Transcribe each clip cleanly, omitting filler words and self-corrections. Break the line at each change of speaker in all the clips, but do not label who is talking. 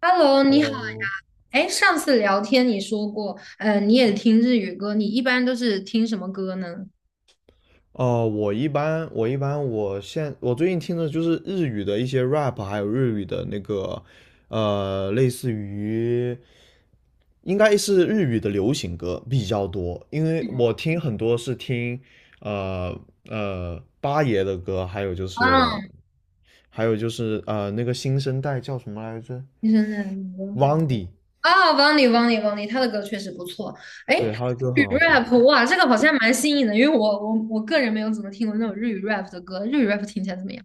Hello，你好。
Hello,
哎，上次聊天你说过，你也听日语歌，你一般都是听什么歌呢？
哦，我一般我一般我现我最近听的就是日语的一些 rap,还有日语的那个类似于应该是日语的流行歌比较多，因为我听很多是听呃八爷的歌，还有就是
啊，
还有就是那个新生代叫什么来着
听什么歌？
？Wandy,
啊，Vani，他的歌确实不错。哎，
对，他的歌
日语
很好听。
rap，哇，这个好像蛮新颖的，因为我个人没有怎么听过那种日语 rap 的歌，日语 rap 听起来怎么样？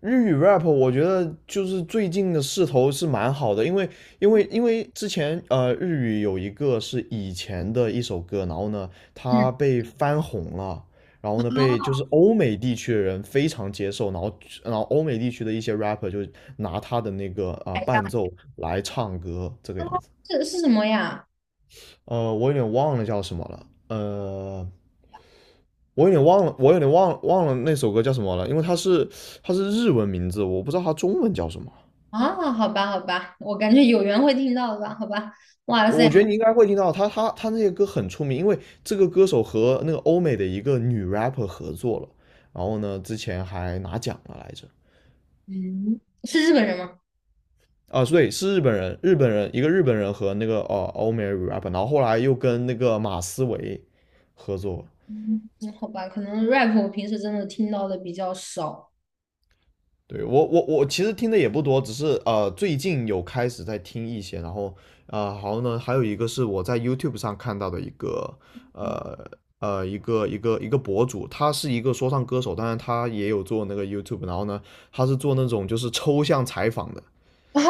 日语 rap 我觉得就是最近的势头是蛮好的，因为之前日语有一个是以前的一首歌，然后呢它
嗯，
被翻红了，然后呢被就
啊，
是欧美地区的人非常接受，然后然后欧美地区的一些 rapper 就拿他的那个
海
伴
好。
奏来唱歌这个
啊
样子。
是什么呀？
我有点忘了叫什么了，我有点忘了，我有点忘了那首歌叫什么了，因为它是它是日文名字，我不知道它中文叫什么。
啊，好吧好吧，我感觉有缘会听到的吧，好吧。哇塞，
我觉得你应该会听到他，他那些歌很出名，因为这个歌手和那个欧美的一个女 rapper 合作了，然后呢，之前还拿奖了来着。
嗯，是日本人吗？
啊，所以是日本人，日本人一个日本人和那个欧美 rapper,然后后来又跟那个马思唯合作，
嗯，好吧，可能 rap 我平时真的听到的比较少。
对。我其实听的也不多，只是最近有开始在听一些，然后好呢，还有一个是我在 YouTube 上看到的一个呃一个博主，他是一个说唱歌手，当然他也有做那个 YouTube,然后呢他是做那种就是抽象采访的。
哦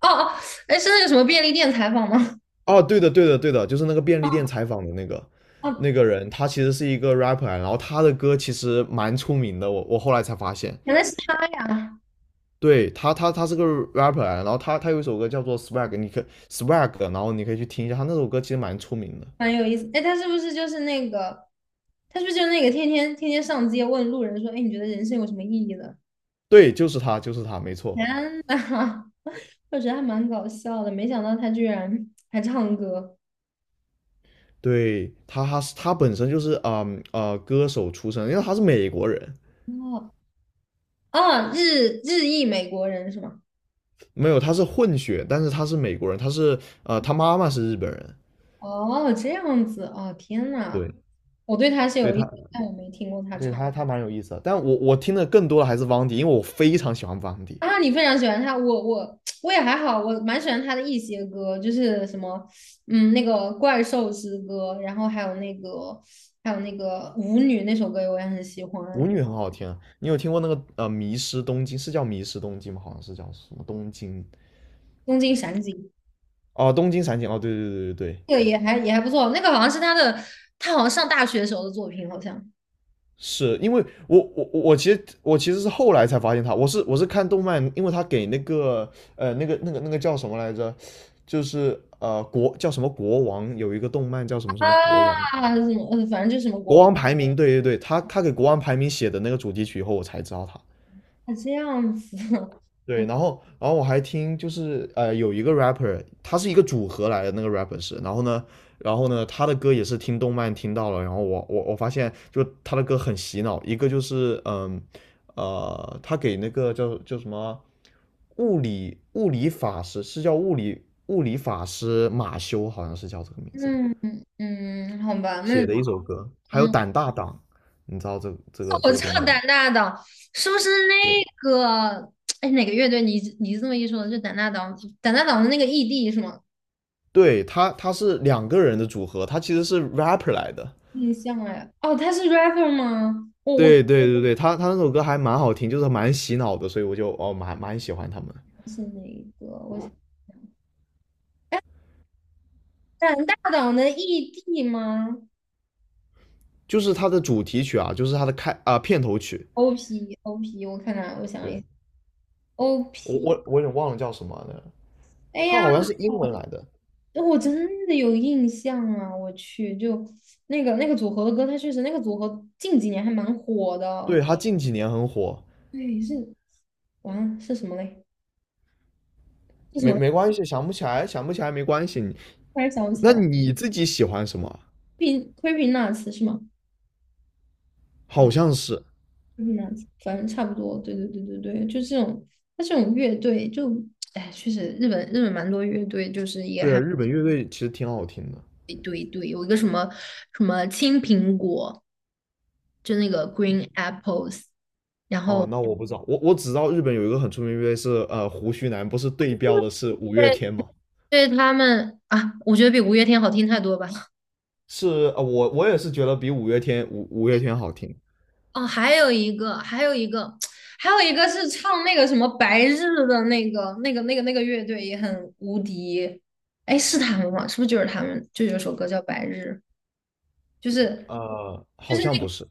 哦哦，哎，是那个什么便利店采访吗？
哦，对的对的对的，就是那个便利店采访的那个
哦，
那个人，他其实是一个 rapper,然后他的歌其实蛮出名的，我后来才发现。
原来是他呀，
对他，他他是个 rapper,然后他他有一首歌叫做 Swag,Swag,然后你可以去听一下，他那首歌其实蛮出名的。
蛮有意思。哎，他是不是就是那个，他是不是就是那个天天上街问路人说，哎，你觉得人生有什么意义呢？
对，就是他，就是他，没 错。
天呐，我觉得还蛮搞笑的，没想到他居然还唱歌。
对他，他是他本身就是歌手出身，因为他是美国人，
哦哦，日裔美国人是吗？
没有他是混血，但是他是美国人，他是他妈妈是日本人。
哦，这样子，哦，天呐，
对，
我对他是
所以
有印
他
象，但我没听过他
对
唱。
他他蛮有意思的。但我听的更多的还是汪迪，因为我非常喜欢汪迪，
啊，你非常喜欢他，我也还好，我蛮喜欢他的一些歌，就是什么，嗯，那个怪兽之歌，然后还有那个舞女那首歌我也很喜欢，
舞女很好听啊。你有听过那个迷失东京是叫迷失东京吗？好像是叫什么东京。
东京闪景，
哦，东京散景，哦，对对对对对，
那个也还也还不错，那个好像是他的，他好像上大学时候的作品，好像
是因为我其实是后来才发现他，我是看动漫，因为他给那个那个叫什么来着，就是叫什么国王，有一个动漫叫什么什么国王，
啊，什么，反正就是什么
国
国王，
王排名，对对对，他他给国王排名写的那个主题曲以后，我才知道他，
啊这样子，
对。然后，然后我还听，就是有一个 rapper,他是一个组合来的，那个 rapper 是，然后呢，然后呢，他的歌也是听动漫听到了，然后我我发现，就他的歌很洗脑，一个就是他给那个叫叫什么物理物理法师，是叫物理物理法师马修，好像是叫这个名 字
嗯嗯，好吧，那
写的一首歌，还有
嗯。
胆大党，你知道这个
我
这个动
超
漫吗？
胆大党，是不是
对，
那个？哎，哪个乐队？你这么一说，就胆大党，胆大党的那个 ED 是吗？
对，他他是两个人的组合，他其实是 rapper 来的。
印象哎，哦，他是 rapper 吗？我
对对对对，他他那首歌还蛮好听，就是蛮洗脑的，所以我就蛮喜欢他们。
是哪一个？我想胆大党的 ED 吗
就是他的主题曲啊，就是他的片头曲，
？OP OP，我看看，我想一下
对。
o
我
p
我我有点忘了叫什么了，
哎
他
呀，
好像是英文来的。
我真的有印象啊！我去，就那个组合的歌，他确实那个组合近几年还蛮火
对，
的。
他近几年很火，
对，是完了是什么嘞？是什么？
没关系，想不起来想不起来没关系。
突然想不起
那
来
你自己喜欢什么？
，creepy c e e p nuts 是吗？不对
好像是。
q u e e p nuts，反正差不多。对对对对对，就这种，它这种乐队就，哎，确实日本蛮多乐队，就是也
对啊，
还
日本乐队其实挺好听的。
一对，堆，有一个什么什么青苹果，就那个 Green Apples，然
哦，
后
那我不知道，我我只知道日本有一个很出名的乐队是胡须男，不是对标的是五月
对
天吗？
对他们啊，我觉得比五月天好听太多吧。
是我我也是觉得比五月天好听。
哦，还有一个，还有一个，还有一个是唱那个什么白日的那个乐队也很无敌。哎，是他们吗？是不是就是他们？就有首歌叫《白日》，就是就
好
是
像
那
不
个
是，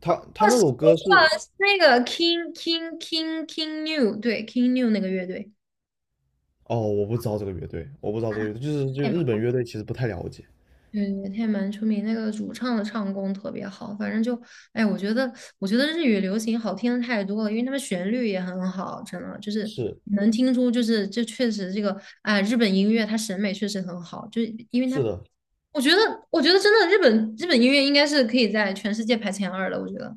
他他
哦
那
是
首歌是，
那个是那个 King New，对 King New 那个乐队。
哦，我不知道这个乐队，我不知道这个乐队，就是就日本乐队其实不太了解，
对，他也蛮出名，那个主唱的唱功特别好，反正就，哎，我觉得，我觉得日语流行好听的太多了，因为他们旋律也很好，真的就是
是
能听出，就是这确实这个，哎，日本音乐它审美确实很好，就是因为
是
它，
的，
我觉得，我觉得真的日本音乐应该是可以在全世界排前二的，我觉得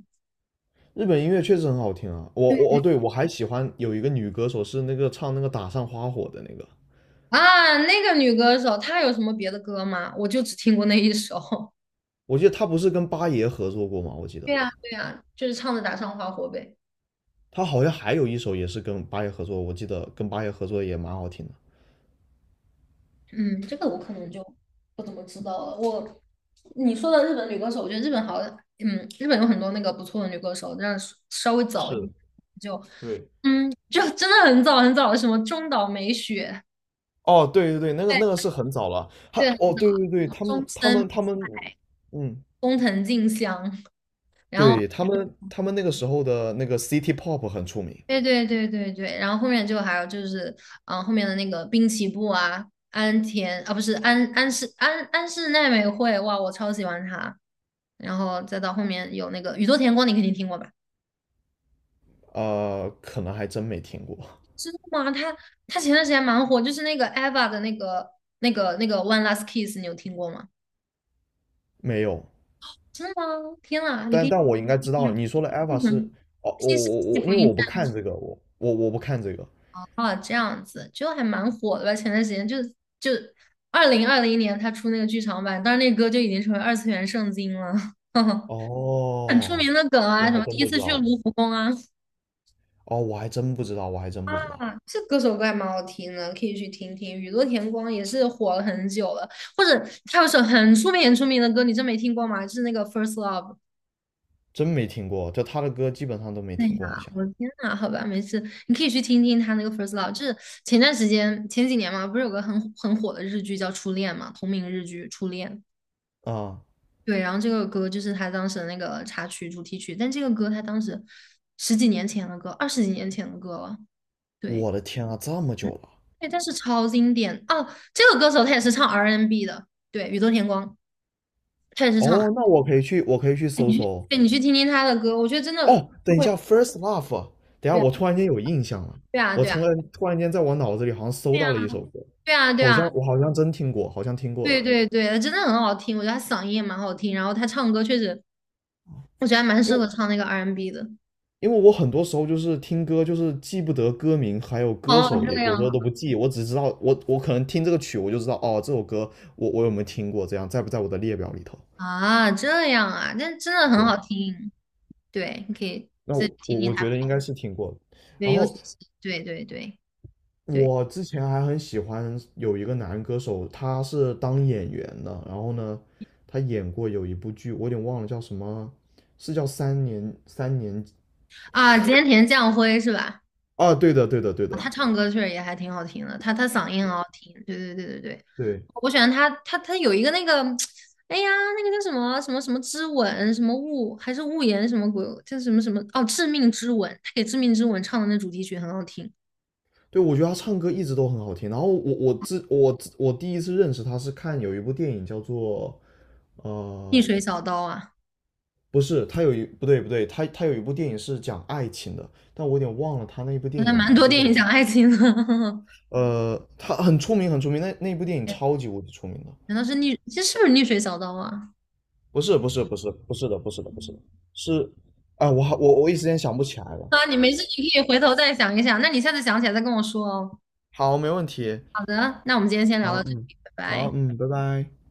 日本音乐确实很好听啊，我我哦对，我还喜欢有一个女歌手是那个唱那个打上花火的那个，
啊，那个女歌手她有什么别的歌吗？我就只听过那一首，
我记得她不是跟八爷合作过吗？我记 得
对呀，对呀，就是唱的《打上花火呗。
她好像还有一首也是跟八爷合作，我记得跟八爷合作也蛮好听的，
嗯，这个我可能就不怎么知道了。你说的日本女歌手，我觉得日本好像，嗯，日本有很多那个不错的女歌手，但是稍微早一
是，
点就，
对，
嗯，就真的很早很早，的，什么中岛美雪，
哦，对对对，那个
对
那个是很早了。
对，很
对对对，
早，中森、
他们，嗯，
工藤静香，然后。
对。他们那个时候的那个 City Pop 很出名。
对对对对对，然后后面就还有就是，嗯、后面的那个滨崎步啊，安田啊，不是安室奈美惠，哇，我超喜欢她。然后再到后面有那个宇多田光，你肯定听过吧？
可能还真没听过，
知道吗？她前段时间蛮火，就是那个 Eva 的那个那个 One Last Kiss，你有听过吗？
没有。
真的吗？天啊，你可
但
以
但我应该
听
知
一
道，
下，
你说的 Eva
嗯
是
哼，西式
我，
福
因为
音。
我不看这个，我不看这个。
啊，这样子就还蛮火的吧？前段时间就2020年他出那个剧场版，当时那个歌就已经成为二次元圣经了，很出
哦，
名的梗啊，
我
什
还
么第
真
一
不知
次去
道。
卢浮宫啊，
哦，我还真不知道，我还真不知道，
啊，这歌手歌还蛮好听的，可以去听听。雨多田光也是火了很久了，或者他有首很出名很出名的歌，你真没听过吗？就是那个《First Love》。
真没听过。就他的歌基本上都没
哎
听过，好
呀，
像。
我的天呐，好吧，没事，你可以去听听他那个《First Love》，就是前段时间前几年嘛，不是有个很火的日剧叫《初恋》嘛，同名日剧《初恋》。
啊、
对，然后这个歌就是他当时的那个插曲、主题曲，但这个歌他当时十几年前的歌，二十几年前的歌了。对，
我的天啊，这么久了。
对，但是超经典哦。这个歌手他也是唱 R&B N 的，对，宇多田光，他也是唱
哦，那我可以去，我可以去搜
R&B。
搜。
对，你去听听他的歌，我觉得真的
哦，等一
会，
下，First Love,等一下，
对
我突然间有印象了，
啊，
我
对啊，
从来突然间在我脑子里好像搜
对啊，
到了一首歌，
对啊，对啊，对
好像
啊。
我好像真听过，好像听过的。
对对对，他真的很好听，我觉得他嗓音也蛮好听，然后他唱歌确实，我觉得还蛮
因
适合
为
唱那个 R&B n 的。
因为我很多时候就是听歌，就是记不得歌名，还有歌
哦，
手也
这
有时候
样
都不记，我只知道我可能听这个曲，我就知道哦，这首歌我有没有听过，这样在不在我的列表里头？
啊，这样啊，但真的很
对，
好听。对，你可以
那
再
我
听
我
听
我觉
他。
得应该是听过的。
对，
然
尤其
后
是对对对对
我之前还很喜欢有一个男歌手，他是当演员的，然后呢，他演过有一部剧，我有点忘了叫什么，是叫三年
啊，菅田将晖是吧？
啊，对的，对的，对的，
他唱歌确实也还挺好听的，他嗓音很好听，对对对对对，
对
我喜欢他，他有一个那个，哎呀，那个叫什么什么什么之吻，什么雾还是雾言什么鬼，叫什么什么哦，致命之吻，他给致命之吻唱的那主题曲很好听，
对，我觉得他唱歌一直都很好听。然后我第一次认识他是看有一部电影叫做
逆
呃，
水小刀啊，
不是，他有一不对不对，他他有一部电影是讲爱情的，但我有点忘了他那部
好
电影
像
的
蛮
名
多
字
电
叫
影
什
讲
么。
爱情的，
他很出名很出名，那那部电影
哎
超级无敌出名的。
难道是逆，这是不是逆水小刀啊？
不是的，是啊，我好我我一时间想不起来了。
啊，你没事，你可以回头再想一想，那你下次想起来再跟我说哦。
好，没问题。
好的，那我们今天先聊到
好，
这
嗯，
里，拜
好，
拜。
嗯，拜拜。